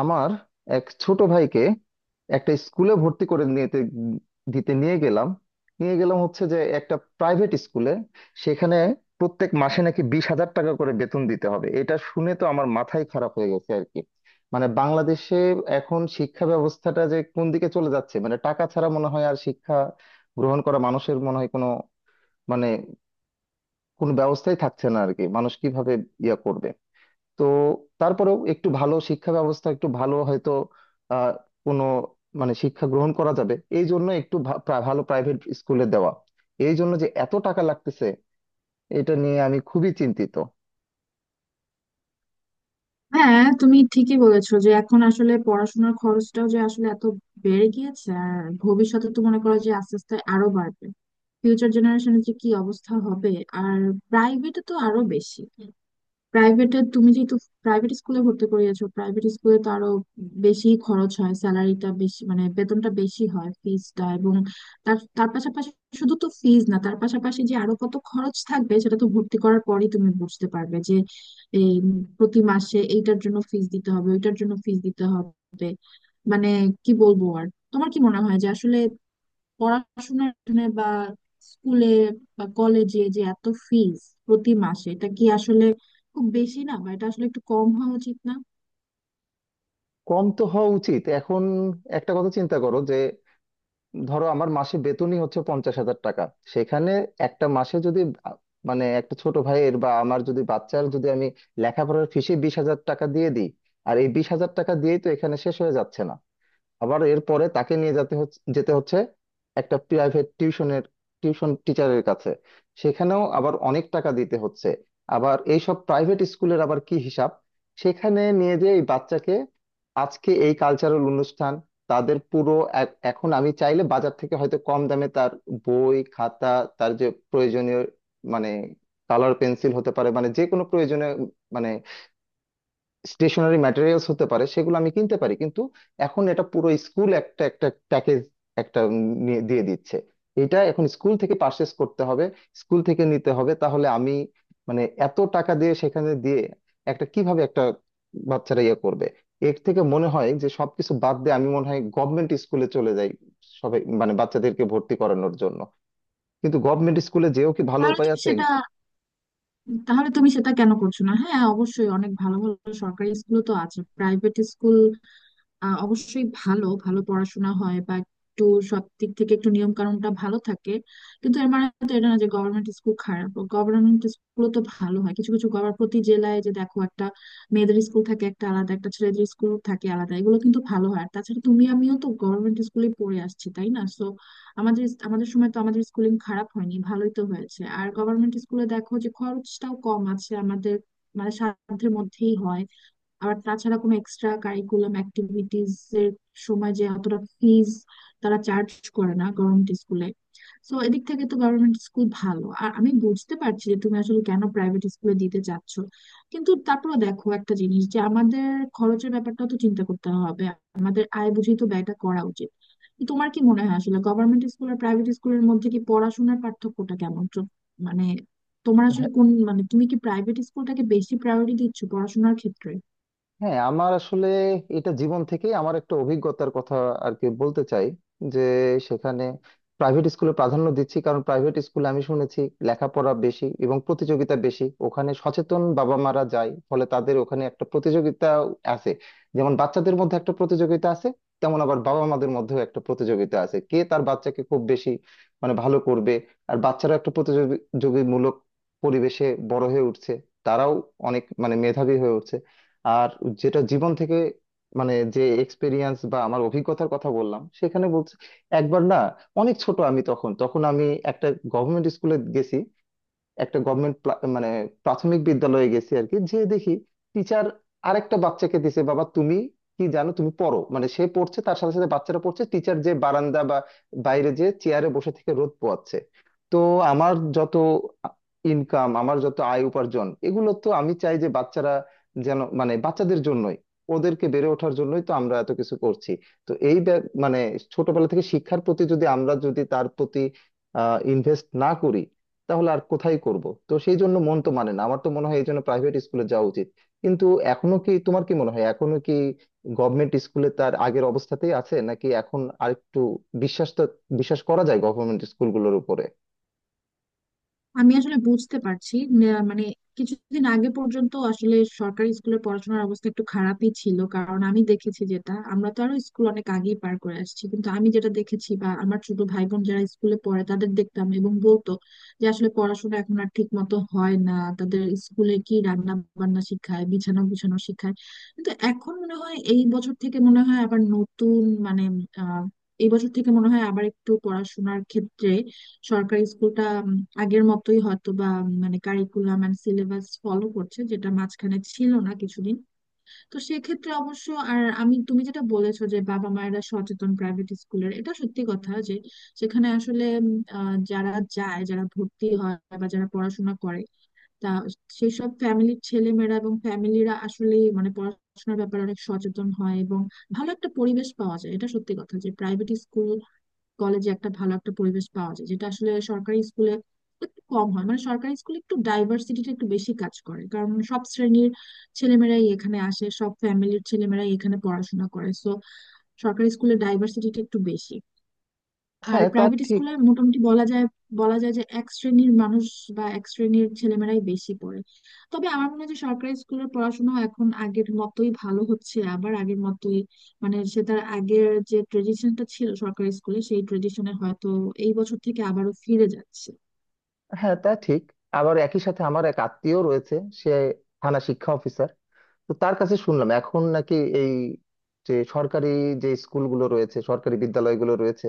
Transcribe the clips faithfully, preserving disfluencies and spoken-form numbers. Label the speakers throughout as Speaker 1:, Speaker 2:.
Speaker 1: আমার এক ছোট ভাইকে একটা স্কুলে ভর্তি করে নিতে দিতে নিয়ে গেলাম। নিয়ে গেলাম হচ্ছে যে একটা প্রাইভেট স্কুলে সেখানে প্রত্যেক মাসে নাকি বিশ হাজার টাকা করে বেতন দিতে হবে। এটা শুনে তো আমার মাথাই খারাপ হয়ে গেছে আর কি। মানে, বাংলাদেশে এখন শিক্ষা ব্যবস্থাটা যে কোন দিকে চলে যাচ্ছে, মানে টাকা ছাড়া মনে হয় আর শিক্ষা গ্রহণ করা মানুষের মনে হয় কোনো, মানে, কোনো ব্যবস্থাই থাকছে না আর কি। মানুষ কিভাবে ইয়া করবে। তো তারপরেও একটু ভালো শিক্ষা ব্যবস্থা একটু ভালো হয়তো আহ কোনো, মানে, শিক্ষা গ্রহণ করা যাবে, এই জন্য একটু ভা- প্রা- ভালো প্রাইভেট স্কুলে দেওয়া, এই জন্য যে এত টাকা লাগতেছে, এটা নিয়ে আমি খুবই চিন্তিত।
Speaker 2: হ্যাঁ, তুমি ঠিকই বলেছো যে এখন আসলে পড়াশোনার খরচটাও যে আসলে এত বেড়ে গিয়েছে। আর ভবিষ্যতে তো মনে করো যে আস্তে আস্তে আরো বাড়বে। ফিউচার জেনারেশনের যে কি অবস্থা হবে! আর প্রাইভেটে তো আরো বেশি। প্রাইভেটে তুমি যেহেতু প্রাইভেট স্কুলে ভর্তি করিয়েছো, প্রাইভেট স্কুলে তো আরো বেশি খরচ হয়। স্যালারিটা বেশি, মানে বেতনটা বেশি হয়, ফিজটা, এবং তার তার পাশাপাশি শুধু তো ফিজ না, তার পাশাপাশি যে আরো কত খরচ থাকবে সেটা তো ভর্তি করার পরেই তুমি বুঝতে পারবে যে এই প্রতি মাসে এইটার জন্য ফিজ দিতে হবে, ওইটার জন্য ফিজ দিতে হবে। মানে কি বলবো আর! তোমার কি মনে হয় যে আসলে পড়াশোনার জন্য বা স্কুলে বা কলেজে যে এত ফিজ প্রতি মাসে, এটা কি আসলে খুব বেশি না? বা এটা আসলে একটু কম হওয়া উচিত না?
Speaker 1: কম তো হওয়া উচিত। এখন একটা কথা চিন্তা করো যে ধরো আমার মাসে বেতনই হচ্ছে পঞ্চাশ হাজার টাকা। সেখানে একটা মাসে যদি আ- মানে একটা ছোট ভাইয়ের বা আমার যদি বাচ্চার যদি আমি লেখাপড়ার ফিসে বিশ হাজার টাকা দিয়ে দিই, আর এই বিশ হাজার টাকা দিয়েই তো এখানে শেষ হয়ে যাচ্ছে না। আবার এরপরে তাকে নিয়ে যেতে হচ্ছে যেতে হচ্ছে একটা প্রাইভেট টিউশনের, টিউশন টিচারের কাছে। সেখানেও আবার অনেক টাকা দিতে হচ্ছে। আবার এইসব প্রাইভেট স্কুলের আবার কি হিসাব, সেখানে নিয়ে যে এই বাচ্চাকে আজকে এই কালচারাল অনুষ্ঠান তাদের পুরো এ- এখন আমি চাইলে বাজার থেকে হয়তো কম দামে তার বই খাতা, তার যে প্রয়োজনীয়, মানে কালার পেন্সিল হতে পারে, মানে যে কোনো প্রয়োজনীয়, মানে স্টেশনারি ম্যাটেরিয়ালস হতে পারে, সেগুলো আমি কিনতে পারি। কিন্তু এখন এটা পুরো স্কুল একটা একটা প্যাকেজ, একটা উম নিয়ে দিয়ে দিচ্ছে। এটা এখন স্কুল থেকে পারচেস করতে হবে, স্কুল থেকে নিতে হবে। তাহলে আমি, মানে, এত টাকা দিয়ে সেখানে দিয়ে একটা কিভাবে একটা বাচ্চারা ইয়ে করবে। এর থেকে মনে হয় যে সবকিছু বাদ দিয়ে আমি মনে হয় গভর্নমেন্ট স্কুলে চলে যাই সবাই, মানে বাচ্চাদেরকে ভর্তি করানোর জন্য। কিন্তু গভর্নমেন্ট স্কুলে যেও কি ভালো
Speaker 2: তাহলে
Speaker 1: উপায়
Speaker 2: তুমি
Speaker 1: আছে?
Speaker 2: সেটা, তাহলে তুমি সেটা কেন করছো না? হ্যাঁ, অবশ্যই অনেক ভালো ভালো সরকারি স্কুল তো আছে। প্রাইভেট স্কুল আহ অবশ্যই ভালো ভালো পড়াশোনা হয়, বা একটু সব দিক থেকে একটু নিয়ম কানুনটা ভালো থাকে, কিন্তু এর মানে তো এটা না যে গভর্নমেন্ট স্কুল খারাপ। গভর্নমেন্ট স্কুল তো ভালো হয়। কিছু কিছু গভর্নমেন্ট প্রতি জেলায় যে দেখো একটা মেয়েদের স্কুল থাকে একটা আলাদা, একটা ছেলেদের স্কুল থাকে আলাদা, এগুলো কিন্তু ভালো হয়। আর তাছাড়া তুমি আমিও তো গভর্নমেন্ট স্কুলে পড়ে আসছি, তাই না? সো আমাদের আমাদের সময় তো আমাদের স্কুলিং খারাপ হয়নি, ভালোই তো হয়েছে। আর গভর্নমেন্ট স্কুলে দেখো যে খরচটাও কম আছে, আমাদের মানে সাধ্যের মধ্যেই হয়। আর তাছাড়া কোনো এক্সট্রা কারিকুলাম অ্যাক্টিভিটিস এর সময় যে অতটা ফিজ তারা চার্জ করে না গভর্নমেন্ট স্কুলে। সো এদিক থেকে তো গভর্নমেন্ট স্কুল ভালো। আর আমি বুঝতে পারছি যে তুমি আসলে কেন প্রাইভেট স্কুলে দিতে চাচ্ছ, কিন্তু তারপরে দেখো একটা জিনিস যে আমাদের খরচের ব্যাপারটা তো চিন্তা করতে হবে, আমাদের আয় বুঝেই তো ব্যয়টা করা উচিত। তো তোমার কি মনে হয় আসলে গভর্নমেন্ট স্কুল আর প্রাইভেট স্কুলের মধ্যে কি পড়াশোনার পার্থক্যটা কেমন? তো মানে তোমার আসলে কোন, মানে তুমি কি প্রাইভেট স্কুলটাকে বেশি প্রায়োরিটি দিচ্ছ পড়াশোনার ক্ষেত্রে?
Speaker 1: হ্যাঁ, আমার আসলে এটা জীবন থেকে আমার একটা অভিজ্ঞতার কথা আর কি বলতে চাই, যে সেখানে প্রাইভেট স্কুলে প্রাধান্য দিচ্ছি কারণ প্রাইভেট স্কুলে আমি শুনেছি লেখাপড়া বেশি এবং প্রতিযোগিতা বেশি। ওখানে সচেতন বাবা মারা যায়, ফলে তাদের ওখানে একটা প্রতিযোগিতা আছে। যেমন বাচ্চাদের মধ্যে একটা প্রতিযোগিতা আছে তেমন আবার বাবা মাদের মধ্যেও একটা প্রতিযোগিতা আছে কে তার বাচ্চাকে খুব বেশি, মানে ভালো করবে। আর বাচ্চারা একটা প্রতিযোগিতামূলক পরিবেশে বড় হয়ে উঠছে, তারাও অনেক, মানে, মেধাবী হয়ে উঠছে। আর যেটা জীবন থেকে, মানে যে এক্সপিরিয়েন্স বা আমার অভিজ্ঞতার কথা বললাম সেখানে বলছি, একবার না, অনেক ছোট আমি তখন তখন আমি একটা গভর্নমেন্ট স্কুলে গেছি, একটা গভর্নমেন্ট, মানে প্রাথমিক বিদ্যালয়ে গেছি আর কি। যে দেখি টিচার আরেকটা বাচ্চাকে দিছে, বাবা তুমি কি জানো তুমি পড়ো, মানে সে পড়ছে, তার সাথে সাথে বাচ্চারা পড়ছে, টিচার যে বারান্দা বা বাইরে যে চেয়ারে বসে থেকে রোদ পোয়াচ্ছে। তো আমার যত ইনকাম, আমার যত আয় উপার্জন, এগুলো তো আমি চাই যে বাচ্চারা যেন, মানে বাচ্চাদের জন্যই, ওদেরকে বেড়ে ওঠার জন্যই তো আমরা এত কিছু করছি। তো এই ব্যাপ- মানে ছোটবেলা থেকে শিক্ষার প্রতি যদি আমরা যদি তার প্রতি ইনভেস্ট না করি তাহলে আর কোথায় করব। তো সেই জন্য মন তো মানে না, আমার তো মনে হয় এই জন্য প্রাইভেট স্কুলে যাওয়া উচিত। কিন্তু এখনো কি, তোমার কি মনে হয় এখনো কি গভর্নমেন্ট স্কুলে তার আগের অবস্থাতেই আছে নাকি এখন আরেকটু বিশ্বাসটা, বিশ্বাস করা যায় গভর্নমেন্ট স্কুলগুলোর উপরে?
Speaker 2: আমি আসলে বুঝতে পারছি, না- মানে কিছুদিন আগে পর্যন্ত আসলে সরকারি স্কুলে পড়াশোনার অবস্থা একটু খারাপই ছিল। কারণ আমি দেখেছি, যেটা আমরা তো আরো স্কুল অনেক আগেই পার করে আসছি, কিন্তু আমি যেটা দেখেছি বা আমার ছোট ভাই বোন যারা স্কুলে পড়ে তাদের দেখতাম এবং বলতো যে আসলে পড়াশোনা এখন আর ঠিক মতো হয় না, তাদের স্কুলে কি রান্না বান্না শিখায়, বিছানা গুছানো শিখায়। কিন্তু এখন মনে হয় এই বছর থেকে মনে হয় আবার নতুন, মানে আহ এই বছর থেকে মনে হয় আবার একটু পড়াশোনার ক্ষেত্রে সরকারি স্কুলটা উম, আগের মতোই হয়তো, বা উম, মানে কারিকুলাম এন্ড সিলেবাস ফলো করছে, যেটা মাঝখানে ছিল না কিছুদিন। তো সেক্ষেত্রে অবশ্য আর আমি, তুমি যেটা বলেছো যে বাবা মায়েরা সচেতন প্রাইভেট স্কুলের, এটা সত্যি কথা যে সেখানে আসলে উম, আহ, যারা যায়, যারা ভর্তি হয় বা যারা পড়াশোনা করে তা, সেই সব ফ্যামিলির ছেলেমেয়েরা এবং ফ্যামিলিরা আসলে মানে পড়াশোনার ব্যাপারে অনেক সচেতন হয় এবং ভালো একটা পরিবেশ পাওয়া যায়। এটা সত্যি কথা যে প্রাইভেট স্কুল কলেজে একটা ভালো একটা পরিবেশ পাওয়া যায়, যেটা আসলে সরকারি স্কুলে একটু কম হয়। মানে সরকারি স্কুলে একটু ডাইভার্সিটিটা একটু বেশি কাজ করে, কারণ সব শ্রেণীর ছেলেমেয়েরাই এখানে আসে, সব ফ্যামিলির ছেলেমেয়েরাই এখানে পড়াশোনা করে। সো সরকারি স্কুলে ডাইভার্সিটিটা একটু বেশি, আর
Speaker 1: হ্যাঁ, তা
Speaker 2: প্রাইভেট
Speaker 1: ঠিক।
Speaker 2: স্কুলে মোটামুটি বলা যায়, বলা যায় যে এক শ্রেণীর মানুষ বা এক শ্রেণীর ছেলেমেয়েরাই বেশি পড়ে। তবে আমার মনে হয় যে সরকারি স্কুলের পড়াশোনা এখন আগের মতোই ভালো হচ্ছে আবার, আগের মতোই মানে সে তার আগের যে ট্রেডিশনটা ছিল সরকারি স্কুলে, সেই ট্রেডিশনে হয়তো এই বছর থেকে আবারও ফিরে যাচ্ছে।
Speaker 1: হ্যাঁ তা ঠিক আবার একই সাথে আমার এক আত্মীয় রয়েছে, সে থানা শিক্ষা অফিসার। তো তার কাছে শুনলাম এখন নাকি এই যে সরকারি যে স্কুলগুলো রয়েছে, সরকারি বিদ্যালয়গুলো রয়েছে,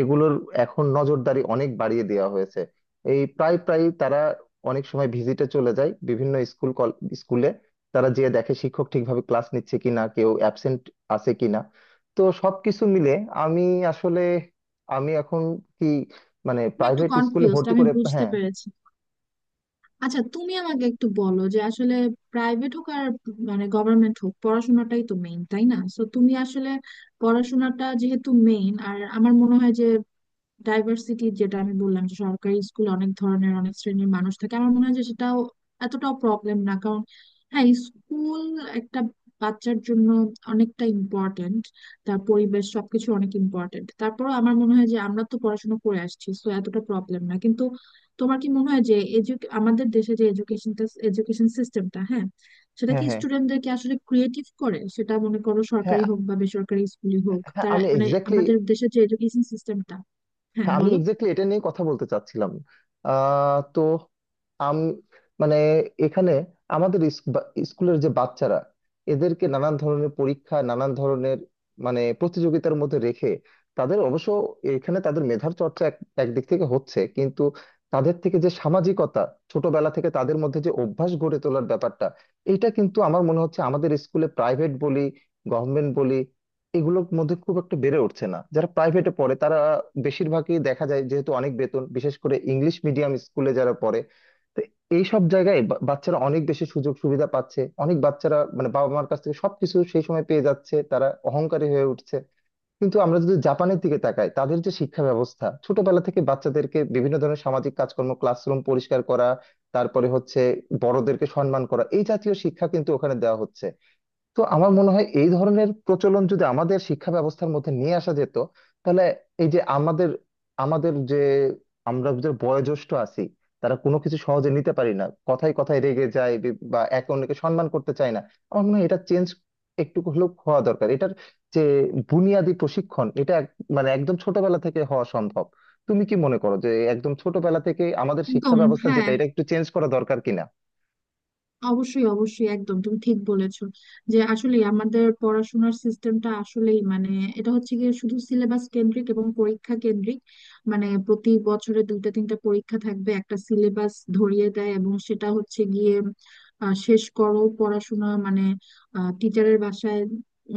Speaker 1: এগুলোর এখন নজরদারি অনেক বাড়িয়ে দেওয়া হয়েছে। এই প্রায় প্রায় তারা অনেক সময় ভিজিটে চলে যায় বিভিন্ন স্কুল কল স্কুলে। তারা যেয়ে দেখে শিক্ষক ঠিকভাবে ক্লাস নিচ্ছে কিনা, কেউ অ্যাবসেন্ট আছে কিনা। তো সবকিছু মিলে আমি আসলে আমি এখন কি, মানে
Speaker 2: আমি একটু
Speaker 1: প্রাইভেট স্কুলে
Speaker 2: কনফিউজড,
Speaker 1: ভর্তি
Speaker 2: আমি
Speaker 1: করে।
Speaker 2: বুঝতে
Speaker 1: হ্যাঁ,
Speaker 2: পেরেছি। আচ্ছা, তুমি আমাকে একটু বলো যে আসলে প্রাইভেট হোক আর মানে গভর্নমেন্ট হোক পড়াশোনাটাই তো মেইন, তাই না? তো তুমি আসলে পড়াশোনাটা যেহেতু মেইন, আর আমার মনে হয় যে ডাইভার্সিটি যেটা আমি বললাম যে সরকারি স্কুলে অনেক ধরনের অনেক শ্রেণীর মানুষ থাকে, আমার মনে হয় যে সেটাও এতটাও প্রবলেম না। কারণ হ্যাঁ, স্কুল একটা বাচ্চার জন্য অনেকটা ইম্পর্ট্যান্ট, তার পরিবেশ সবকিছু অনেক ইম্পর্ট্যান্ট। তারপর আমার মনে হয় যে আমরা তো পড়াশোনা করে আসছি, তো এতটা প্রবলেম না। কিন্তু তোমার কি মনে হয় যে এডুক আমাদের দেশে যে এডুকেশনটা, এডুকেশন সিস্টেমটা, হ্যাঁ, সেটা
Speaker 1: হ্যাঁ,
Speaker 2: কি
Speaker 1: হ্যাঁ,
Speaker 2: স্টুডেন্টদেরকে আসলে ক্রিয়েটিভ করে? সেটা মনে করো
Speaker 1: হ্যাঁ।
Speaker 2: সরকারি হোক বা বেসরকারি স্কুলই হোক
Speaker 1: হ্যাঁ
Speaker 2: তারা,
Speaker 1: আমি
Speaker 2: মানে
Speaker 1: এক্স্যাক্টলি
Speaker 2: আমাদের দেশের যে এডুকেশন সিস্টেমটা। হ্যাঁ,
Speaker 1: হ্যাঁ, আমি
Speaker 2: বলো।
Speaker 1: এক্স্যাক্টলি এটা নিয়ে কথা বলতে চাচ্ছিলাম। আহ, তো আম মানে এখানে আমাদের ইস- বা- স্কুলের যে বাচ্চারা, এদেরকে নানান ধরনের পরীক্ষা নানান ধরনের, মানে প্রতিযোগিতার মধ্যে রেখে তাদের অবশ্য এখানে তাদের মেধার চর্চা এক একদিক থেকে হচ্ছে। কিন্তু তাদের থেকে যে সামাজিকতা, ছোটবেলা থেকে তাদের মধ্যে যে অভ্যাস গড়ে তোলার ব্যাপারটা, এটা কিন্তু আমার মনে হচ্ছে আমাদের স্কুলে প্রাইভেট বলি গভর্নমেন্ট বলি এগুলোর মধ্যে খুব একটা বেড়ে উঠছে না। যারা প্রাইভেটে পড়ে তারা বেশিরভাগই দেখা যায় যেহেতু অনেক বেতন, বিশেষ করে ইংলিশ মিডিয়াম স্কুলে যারা পড়ে, তো এই সব জায়গায় বা- বাচ্চারা অনেক বেশি সুযোগ সুবিধা পাচ্ছে, অনেক বাচ্চারা, মানে বাবা মার কাছ থেকে সবকিছু সেই সময় পেয়ে যাচ্ছে, তারা অহংকারী হয়ে উঠছে। কিন্তু আমরা যদি জাপানের দিকে তাকাই, তাদের যে শিক্ষা ব্যবস্থা ছোটবেলা থেকে বাচ্চাদেরকে বিভিন্ন ধরনের সামাজিক কাজকর্ম, ক্লাসরুম পরিষ্কার করা, তারপরে হচ্ছে বড়দেরকে সম্মান করা, এই জাতীয় শিক্ষা কিন্তু ওখানে দেওয়া হচ্ছে। তো আমার মনে হয় এই ধরনের প্রচলন যদি আমাদের শিক্ষা ব্যবস্থার মধ্যে নিয়ে আসা যেত তাহলে এই যে আমাদের, আমাদের যে আমরা যে বয়োজ্যেষ্ঠ আছি, তারা কোনো কিছু সহজে নিতে পারি না, কথায় কথায় রেগে যায়, বি- বা একে অন্যকে সম্মান করতে চায় না। আমার মনে হয় এটা চেঞ্জ একটু হলেও হওয়া দরকার। এটার যে বুনিয়াদি প্রশিক্ষণ, এটা এক- মানে একদম ছোটবেলা থেকে হওয়া সম্ভব। তুমি কি মনে করো যে একদম ছোটবেলা থেকে আমাদের শিক্ষা
Speaker 2: একদম,
Speaker 1: ব্যবস্থা
Speaker 2: হ্যাঁ,
Speaker 1: যেটা, এটা একটু চেঞ্জ করা দরকার কিনা?
Speaker 2: অবশ্যই অবশ্যই একদম তুমি ঠিক বলেছো যে আসলে আমাদের পড়াশোনার সিস্টেমটা আসলেই মানে এটা হচ্ছে গিয়ে শুধু সিলেবাস কেন্দ্রিক এবং পরীক্ষা কেন্দ্রিক। মানে প্রতি বছরে দুইটা তিনটা পরীক্ষা থাকবে, একটা সিলেবাস ধরিয়ে দেয়, এবং সেটা হচ্ছে গিয়ে আহ, শেষ করো পড়াশোনা, মানে টিচারের বাসায়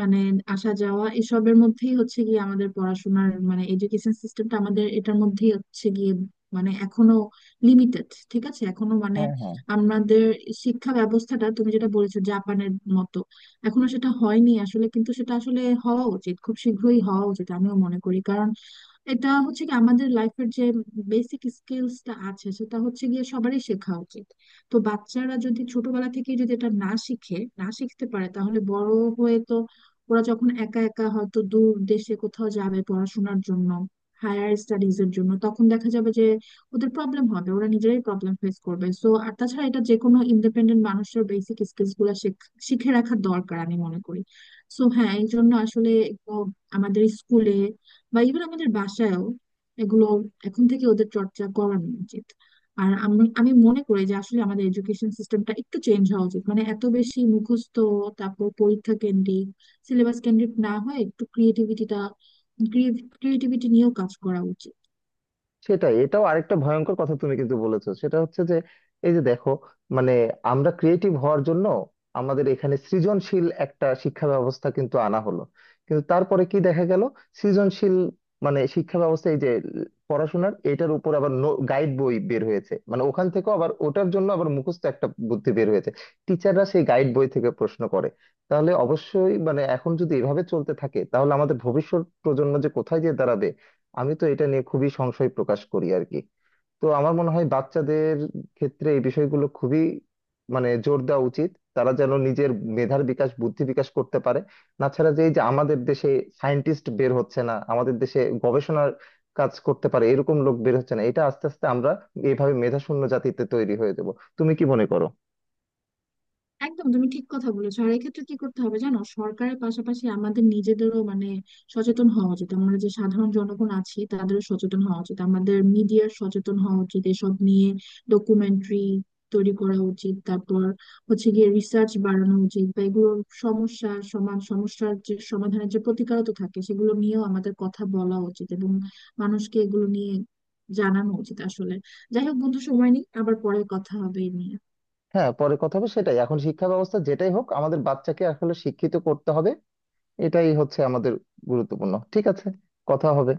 Speaker 2: মানে আসা যাওয়া এসবের মধ্যেই হচ্ছে গিয়ে আমাদের পড়াশোনার, মানে এডুকেশন সিস্টেমটা আমাদের এটার মধ্যেই হচ্ছে গিয়ে, মানে এখনো লিমিটেড। ঠিক আছে, এখনো মানে
Speaker 1: হ্যাঁ, হ্যাঁ।
Speaker 2: আমাদের শিক্ষা ব্যবস্থাটা তুমি যেটা বলেছো জাপানের মতো, এখনো সেটা হয়নি আসলে, কিন্তু সেটা আসলে হওয়া উচিত, খুব শীঘ্রই হওয়া উচিত, আমিও মনে করি। কারণ এটা হচ্ছে কি, আমাদের লাইফের যে বেসিক স্কিলসটা আছে সেটা হচ্ছে গিয়ে সবারই শেখা উচিত। তো বাচ্চারা যদি ছোটবেলা থেকে যদি এটা না শিখে, না শিখতে পারে, তাহলে বড় হয়ে তো ওরা যখন একা একা হয়তো দূর দেশে কোথাও যাবে পড়াশোনার জন্য, হায়ার স্টাডিজ এর জন্য, তখন দেখা যাবে যে ওদের প্রবলেম হবে, ওরা নিজেরাই প্রবলেম ফেস করবে। সো আর তাছাড়া এটা যে কোনো ইন্ডিপেন্ডেন্ট মানুষের বেসিক স্কিলস গুলা শেখ- শিখে রাখা দরকার, আমি মনে করি। সো হ্যাঁ, এই জন্য আসলে একটু আমাদের স্কুলে বা ইভেন আমাদের বাসায়ও এগুলো এখন থেকে ওদের চর্চা করানো উচিত। আর আমি আমি মনে করি যে আসলে আমাদের এডুকেশন সিস্টেমটা একটু চেঞ্জ হওয়া উচিত, মানে এত বেশি মুখস্থ, তারপর পরীক্ষা কেন্দ্রিক, সিলেবাস কেন্দ্রিক না হয় একটু ক্রিয়েটিভিটিটা, ক্রিয়েটিভিটি নিয়েও কাজ করা উচিত।
Speaker 1: সেটাই, এটাও আরেকটা ভয়ঙ্কর কথা তুমি কিন্তু বলেছো। সেটা হচ্ছে যে এই যে দেখো, মানে আমরা ক্রিয়েটিভ হওয়ার জন্য আমাদের এখানে সৃজনশীল একটা শিক্ষা ব্যবস্থা কিন্তু আনা হলো। কিন্তু তারপরে কি দেখা গেল, সৃজনশীল, মানে শিক্ষা ব্যবস্থা, এই যে পড়াশোনার এটার উপর আবার গাইড বই বের হয়েছে, মানে ওখান থেকেও আবার ওটার জন্য আবার মুখস্থ একটা বুদ্ধি বের হয়েছে। টিচাররা সেই গাইড বই থেকে প্রশ্ন করে। তাহলে অবশ্যই, মানে এখন যদি এভাবে চলতে থাকে তাহলে আমাদের ভবিষ্যৎ প্রজন্ম যে কোথায় গিয়ে দাঁড়াবে, আমি তো এটা নিয়ে খুবই সংশয় প্রকাশ করি আর কি। তো আমার মনে হয় বাচ্চাদের ক্ষেত্রে এই বিষয়গুলো খুবই, মানে জোর দেওয়া উচিত, তারা যেন নিজের মেধার বিকাশ বুদ্ধি বিকাশ করতে পারে। তাছাড়া যে এই যে আমাদের দেশে সায়েন্টিস্ট বের হচ্ছে না, আমাদের দেশে গবেষণার কাজ করতে পারে এরকম লোক বের হচ্ছে না, এটা আস্তে আস্তে আমরা এইভাবে মেধাশূন্য জাতিতে তৈরি হয়ে যাব। তুমি কি মনে করো?
Speaker 2: একদম তুমি ঠিক কথা বলেছো। আর এক্ষেত্রে কি করতে হবে জানো? সরকারের পাশাপাশি আমাদের নিজেদেরও মানে সচেতন হওয়া উচিত, আমরা যে সাধারণ জনগণ আছি তাদেরও সচেতন হওয়া উচিত, আমাদের মিডিয়ার সচেতন হওয়া উচিত। এসব নিয়ে ডকুমেন্টারি তৈরি করা উচিত, তারপর হচ্ছে গিয়ে রিসার্চ বাড়ানো উচিত, বা এগুলোর সমস্যা সমান সমস্যার যে সমাধানের যে প্রতিকারও তো থাকে সেগুলো নিয়েও আমাদের কথা বলা উচিত এবং মানুষকে এগুলো নিয়ে জানানো উচিত আসলে। যাই হোক বন্ধু, সময় নেই, আবার পরে কথা হবে এই নিয়ে।
Speaker 1: হ্যাঁ, পরে কথা হবে। সেটাই, এখন শিক্ষা ব্যবস্থা যেটাই হোক আমাদের বাচ্চাকে আসলে শিক্ষিত করতে হবে, এটাই হচ্ছে আমাদের গুরুত্বপূর্ণ। ঠিক আছে, কথা হবে।